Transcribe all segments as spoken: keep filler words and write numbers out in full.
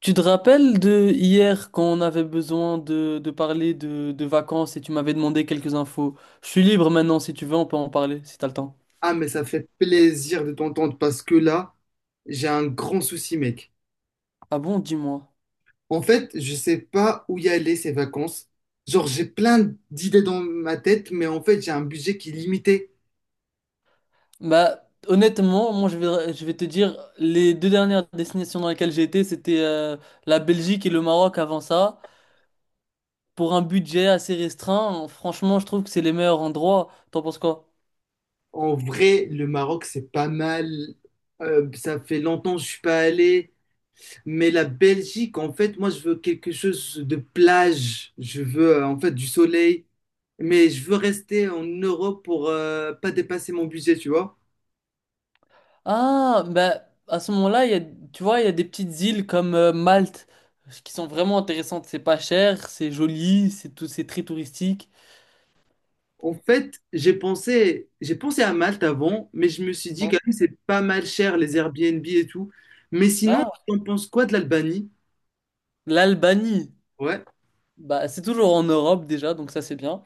Tu te rappelles de hier quand on avait besoin de, de parler de, de vacances et tu m'avais demandé quelques infos? Je suis libre maintenant, si tu veux, on peut en parler, si t'as le temps. Ah, mais ça fait plaisir de t'entendre parce que là, j'ai un grand souci, mec. Ah bon, dis-moi. En fait, je sais pas où y aller ces vacances. Genre, j'ai plein d'idées dans ma tête, mais en fait, j'ai un budget qui est limité. Bah, honnêtement, moi je vais, je vais te dire, les deux dernières destinations dans lesquelles j'ai été, c'était euh, la Belgique et le Maroc avant ça. Pour un budget assez restreint, franchement, je trouve que c'est les meilleurs endroits. T'en penses quoi? En vrai, le Maroc, c'est pas mal. Euh, ça fait longtemps que je suis pas allé. Mais la Belgique, en fait, moi, je veux quelque chose de plage. Je veux, euh, en fait, du soleil. Mais je veux rester en Europe pour euh, pas dépasser mon budget, tu vois. Ah, bah, à ce moment-là, il y a, tu vois, il y a des petites îles comme euh, Malte qui sont vraiment intéressantes. C'est pas cher, c'est joli, c'est tout, c'est très touristique. En fait, j'ai pensé, j'ai pensé à Malte avant, mais je me suis dit Hein. quand même c'est pas mal cher les Airbnb et tout. Mais sinon, Ah, on pense quoi de l'Albanie? l'Albanie. Ouais. Bah, c'est toujours en Europe déjà, donc ça c'est bien.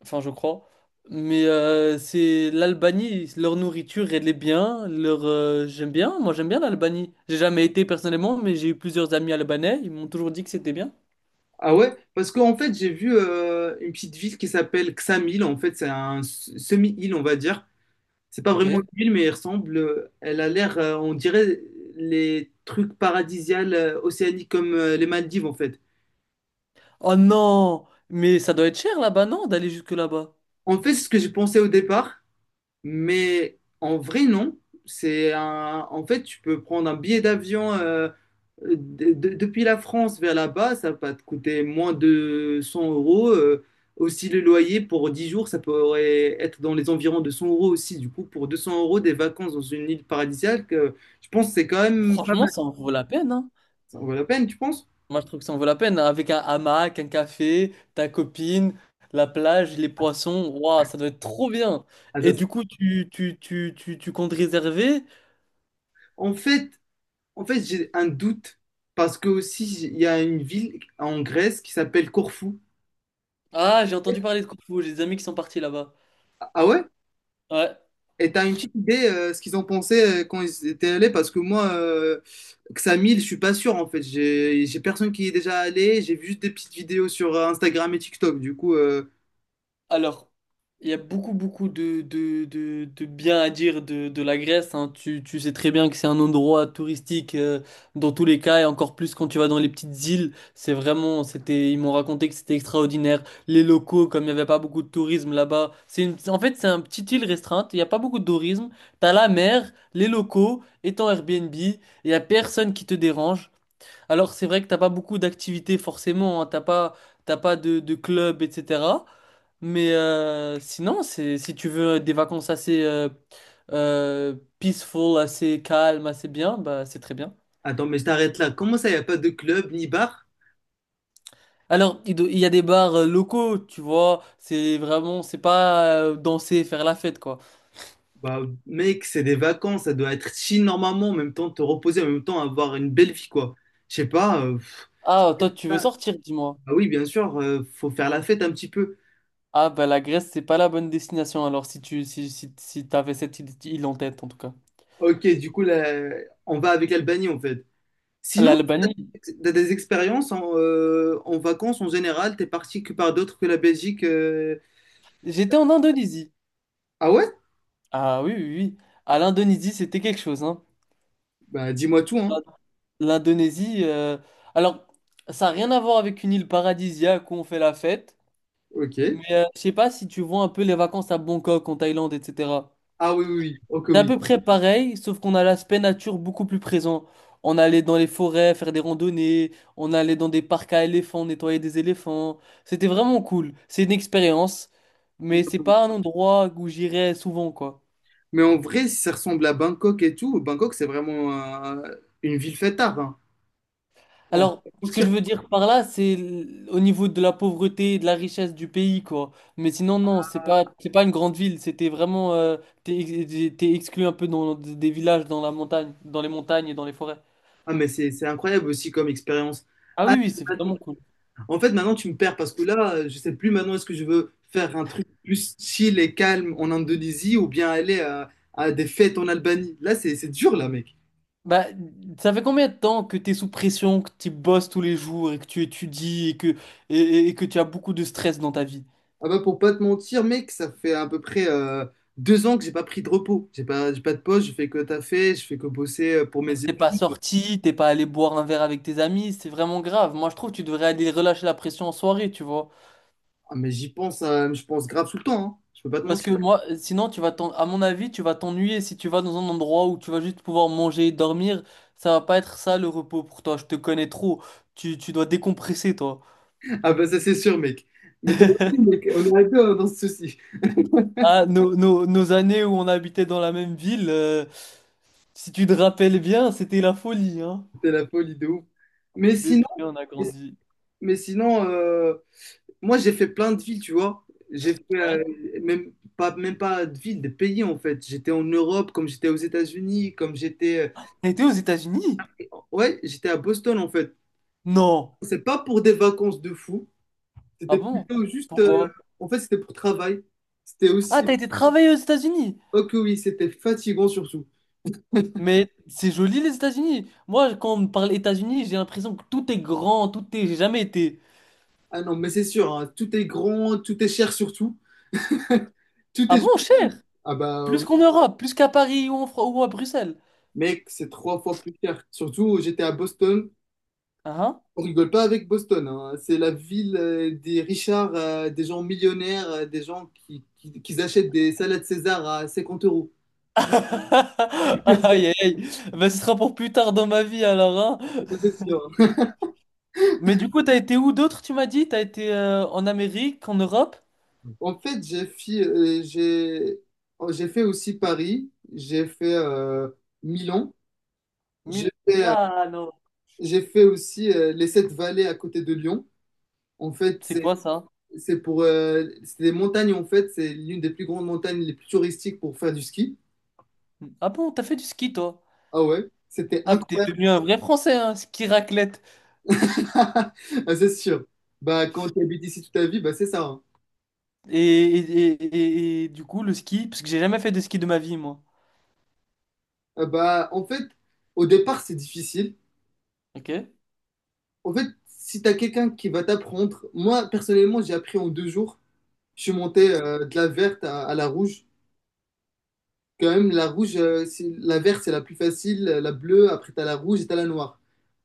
Enfin, je crois. Mais euh, c'est l'Albanie, leur nourriture, elle est bien. Leur, euh, j'aime bien, moi j'aime bien l'Albanie. J'ai jamais été personnellement, mais j'ai eu plusieurs amis albanais. Ils m'ont toujours dit que c'était bien. Ah ouais? Parce qu'en fait, j'ai vu euh, une petite ville qui s'appelle Ksamil. En fait, c'est un s- semi-île, on va dire. C'est pas Ok. vraiment une île, mais elle ressemble. euh, Elle a l'air, euh, on dirait les trucs paradisiaux euh, océaniques comme euh, les Maldives, en fait. Oh non, mais ça doit être cher là-bas, non, d'aller jusque là-bas. En fait, c'est ce que j'ai pensé au départ. Mais en vrai, non. C'est un... En fait, tu peux prendre un billet d'avion euh, de- de- depuis la France vers là-bas, ça va te coûter moins de cent euros. Euh, aussi, le loyer pour dix jours, ça pourrait être dans les environs de cent euros aussi. Du coup, pour deux cents euros, des vacances dans une île paradisiaque, euh, je pense que c'est quand même pas Franchement, ça en vaut la peine, hein. ça vaut la peine, tu penses? Moi, je trouve que ça en vaut la peine, hein. Avec un hamac, un café, ta copine, la plage, les poissons, waouh, ça doit être trop bien. Ah, ça, Et ça- du coup, tu, tu, tu, tu, tu comptes réserver? En fait, en fait, j'ai un doute parce que aussi, il y a une ville en Grèce qui s'appelle Corfou. Ah, j'ai entendu parler de Corfou, j'ai des amis qui sont partis là-bas. Ah ah ouais? Ouais. Et t'as une petite idée euh, ce qu'ils ont pensé euh, quand ils étaient allés parce que moi euh, Xamil, je suis pas sûr en fait. J'ai j'ai personne qui y est déjà allé, j'ai vu juste des petites vidéos sur euh, Instagram et TikTok. Du coup euh, Alors, il y a beaucoup, beaucoup de, de, de, de bien à dire de, de la Grèce, hein. Tu, tu sais très bien que c'est un endroit touristique euh, dans tous les cas, et encore plus quand tu vas dans les petites îles. C'est vraiment, c'était, ils m'ont raconté que c'était extraordinaire. Les locaux, comme il n'y avait pas beaucoup de tourisme là-bas, c'est une- en fait, c'est un petit île restreinte. Il n'y a pas beaucoup de tourisme. T'as la mer, les locaux, et ton Airbnb. Il n'y a personne qui te dérange. Alors, c'est vrai que t'as pas beaucoup d'activités forcément, hein. T'as pas, t'as pas de, de club, et cetera. Mais euh, sinon, c'est si tu veux des vacances assez euh, euh, peaceful, assez calmes, assez bien, bah c'est très bien. Attends mais je t'arrête là. Comment ça y a pas de club ni bar? Alors, il, do- il y a des bars euh, locaux, tu vois, c'est vraiment, c'est pas euh, danser, faire la fête, quoi. Bah mec, c'est des vacances, ça doit être chill normalement, en même temps te reposer, en même temps avoir une belle vie quoi. Je sais pas euh, pff, Ah, toi, tu veux ah sortir, dis-moi. ah oui, bien sûr, euh, faut faire la fête un petit peu. Ah, bah la Grèce, c'est pas la bonne destination, alors si tu si, si, si t'avais cette île île en tête, en tout cas. OK, du coup là, on va avec l'Albanie en fait. Sinon L'Albanie. T'as des expériences en, euh, en vacances en général, t'es parti que par d'autres que la Belgique. euh. J'étais en Indonésie. Ah ouais? Ah oui, oui, oui. À l'Indonésie, c'était quelque chose, hein. Bah dis-moi tout, hein. L'Indonésie, euh, alors, ça n'a rien à voir avec une île paradisiaque où on fait la fête, mais Ok. euh, je sais pas si tu vois un peu les vacances à Bangkok, en Thaïlande, et cetera. Ah oui, oui, oui. Ok, C'est à oui. peu près pareil, sauf qu'on a l'aspect nature beaucoup plus présent. On allait dans les forêts faire des randonnées, on allait dans des parcs à éléphants nettoyer des éléphants. C'était vraiment cool. C'est une expérience, mais c'est pas un endroit où j'irais souvent, quoi. Mais en vrai, si ça ressemble à Bangkok et tout, Bangkok, c'est vraiment euh, une ville fêtarde. Hein. On peut Alors, pas ce que je mentir. veux dire par là, c'est l- au niveau de la pauvreté et de la richesse du pays, quoi. Mais sinon, non, c'est pas, c'est pas une grande ville. C'était vraiment, euh, t'es, ex- t'es exclu un peu dans des villages, dans la montagne, dans les montagnes et dans les forêts. Ah, mais c'est c'est incroyable aussi comme expérience. Ah Ah, oui, oui, c'est maintenant- vraiment cool. en fait, maintenant, tu me perds parce que là, euh, je sais plus maintenant est-ce que je veux faire un truc plus chill et calme en Indonésie ou bien aller à, à des fêtes en Albanie. Là, c'est c'est dur, là, mec. Bah, ça fait combien de temps que t'es sous pression, que tu bosses tous les jours et que tu étudies et que, et, et- et que tu as beaucoup de stress dans ta vie? Ah bah pour pas te mentir, mec, ça fait à peu près euh, deux ans que j'ai pas pris de repos. J'ai pas, j'ai pas de pause, je fais que taffer, je fais que bosser euh, pour mes T'es pas études. sorti, t'es pas allé boire un verre avec tes amis, c'est vraiment grave. Moi, je trouve que tu devrais aller relâcher la pression en soirée, tu vois. Ah mais j'y pense, euh, je pense grave tout le temps, hein. Je peux pas te Parce mentir. que moi, sinon, tu vas t'en... à mon avis, tu vas t'ennuyer si tu vas dans un endroit où tu vas juste pouvoir manger et dormir. Ça va pas être ça le repos pour toi. Je te connais trop. Tu, tu dois décompresser, toi. Ah bah ça c'est sûr, mec. Mais toi aussi, mec, on aurait deux hein, dans ce souci. Ah, nos, nos- nos années où on habitait dans la même ville, euh, si tu te rappelles bien, c'était la folie, hein. C'est la folie de ouf. Mais sinon, Depuis, on a grandi. mais sinon euh, moi j'ai fait plein de villes, tu vois. J'ai fait euh, Ouais. même pas, même pas de villes, des pays en fait. J'étais en Europe, comme j'étais aux États-Unis, comme j'étais. T'as été aux États-Unis? Ouais, j'étais à Boston en fait. Non. C'est pas pour des vacances de fou. Ah C'était bon? plutôt juste. euh, Pourquoi? en fait, c'était pour travail. C'était Ah, aussi. t'as été travailler aux États-Unis? Oh que oui, c'était fatigant surtout. Mais c'est joli les États-Unis. Moi, quand on me parle États-Unis, j'ai l'impression que tout est grand, tout est. J'ai jamais été. Ah non, mais c'est sûr, hein, tout est grand, tout est cher surtout. Tout Ah est. bon, cher? Ah bah, Plus qu'en Europe, plus qu'à Paris ou, en Fran- ou à Bruxelles. mec, c'est trois fois plus cher. Surtout, j'étais à Boston. Ah, hein. On rigole pas avec Boston. Hein. C'est la ville euh, des Richards, euh, des gens millionnaires, euh, des gens qui, qui, qui achètent des salades César à cinquante euros. Aïe, aïe, aïe. Ben, ce sera pour plus tard dans ma vie alors, hein. Ça, c'est sûr. Hein. Mais du coup, t'as été où d'autre, tu m'as dit? T'as été euh, en Amérique, en Europe? En fait, j'ai fi- euh, j'ai oh, j'ai fait aussi Paris, j'ai fait euh, Milan, j'ai fait, euh, Milano. j'ai fait aussi euh, les Sept Vallées à côté de Lyon. En fait, C'est c'est quoi ça? c'est pour euh, c'est des montagnes en fait, c'est l'une des plus grandes montagnes les plus touristiques pour faire du ski. Ah bon, t'as fait du ski, toi? Ah ouais, c'était Ah, t'es incroyable. devenu un vrai Français, hein, ski raclette. Ah, c'est sûr. Bah quand tu habites ici toute ta vie, bah c'est ça. Hein. Et, et, et, et- et du coup, le ski, parce que j'ai jamais fait de ski de ma vie, moi. Euh, Bah en fait, au départ, c'est difficile. Ok. En fait, si tu as quelqu'un qui va t'apprendre, moi personnellement, j'ai appris en deux jours. Je suis monté euh, de la verte à, à la rouge. Quand même, la rouge, euh, c'est- la verte, c'est la plus facile. euh, La bleue, après, t'as la rouge et t'as la noire.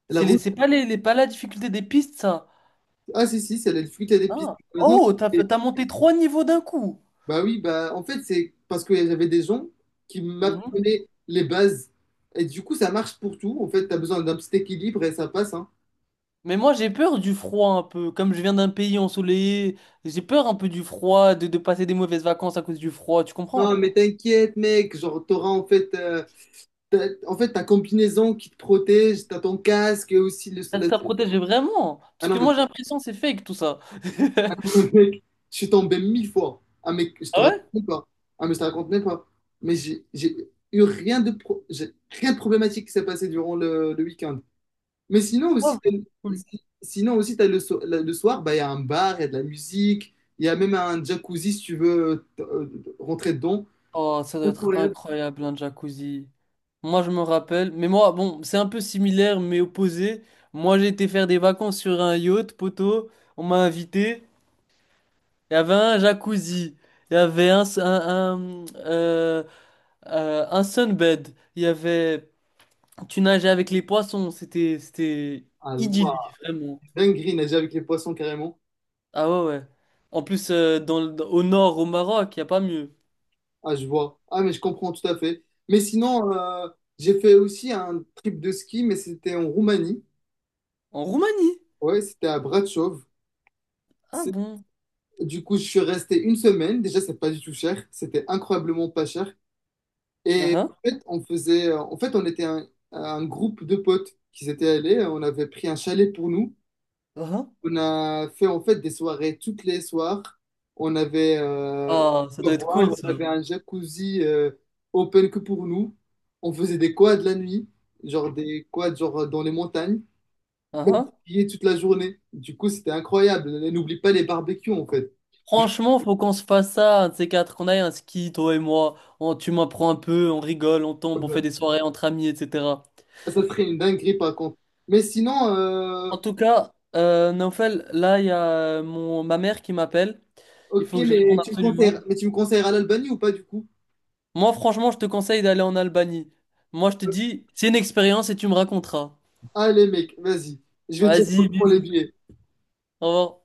La C'est les- rouge, c'est pas les, les- pas la difficulté des pistes, ça. ah, si, si, c'est les fruits et épices. Ah. Euh, non, Oh, t'as, fait- et- t'as monté trois niveaux d'un coup. bah oui, bah en fait, c'est parce que j'avais des gens qui Mhm. m'apprenaient les bases. Et du coup, ça marche pour tout. En fait, t'as besoin d'un petit équilibre et ça passe, hein. Mais moi, j'ai peur du froid un peu. Comme je viens d'un pays ensoleillé, j'ai peur un peu du froid, de, de passer des mauvaises vacances à cause du froid, tu comprends? Non, mais t'inquiète, mec. Genre, t'auras en fait, euh, t'as- en fait, ta combinaison qui te protège, t'as ton casque et aussi le, Ça, la- ça protège vraiment. Ah Parce non, que mais moi, j'ai l'impression que c'est fake tout ça. mec, je suis tombé mille fois. Ah, mec, je te Ah raconte ouais? même pas. Ah, mais je te raconte même pas. Mais j'ai j'ai eu rien de, pro- j'ai rien de problématique qui s'est passé durant le, le week-end. Mais sinon Oh, aussi, t'as- cool. si- sinon aussi t'as le, so- la- le soir, bah, il y a un bar, il y a de la musique, il y a même un jacuzzi si tu veux t- euh, rentrer dedans. Oh, ça doit être Incroyable. incroyable un jacuzzi. Moi, je me rappelle, mais moi, bon, c'est un peu similaire mais opposé. Moi, j'ai été faire des vacances sur un yacht, poteau. On m'a invité. Il y avait un jacuzzi. Il y avait un, s- un, un, euh, euh, un sunbed. Il y avait. Tu nageais avec les poissons. C'était, c'était Ah, idyllique, wow. vraiment. Dinguerie, nager avec les poissons carrément. Ah ouais, ouais. En plus, euh, dans, le- au nord, au Maroc, il n'y a pas mieux. Ah, je vois. Ah, mais je comprends tout à fait. Mais sinon, euh, j'ai fait aussi un trip de ski, mais c'était en Roumanie. En Roumanie. Ouais, c'était à Bratislava. Ah C'est- bon? Du coup, je suis resté une semaine. Déjà, c'est pas du tout cher. C'était incroyablement pas cher. Ah Et ah. en fait, on faisait, euh, en fait, on était un, un groupe de potes qui s'étaient allés. On avait pris un chalet pour nous. Ah. On a fait en fait des soirées toutes les soirs. On avait euh, Oh, ça à doit être boire, cool ça. on avait un jacuzzi euh, open que pour nous. On faisait des quads la nuit, genre des quads genre dans les montagnes, et on Franchement, skiait toute la journée. Du coup, c'était incroyable. Et n'oublie pas les barbecues en fait. Franchement, faut qu'on se fasse ça, un de ces quatre, qu'on aille à un ski, toi et moi. On, tu m'apprends un peu, on rigole, on tombe, on Euh, fait des soirées entre amis, et cetera. Ça serait une dinguerie par contre. Mais sinon, euh, En tout cas, euh, Naufel, là, il y a euh, mon, ma mère qui m'appelle. Il ok, faut que je réponde mais tu me conseilles, absolument. mais tu me conseilleras l'Albanie ou pas du coup? Moi, franchement, je te conseille d'aller en Albanie. Moi, je te dis, c'est une expérience et tu me raconteras. Allez mec, vas-y. Je vais te dire qu'on Vas-y, prend les bisous. billets. Au revoir.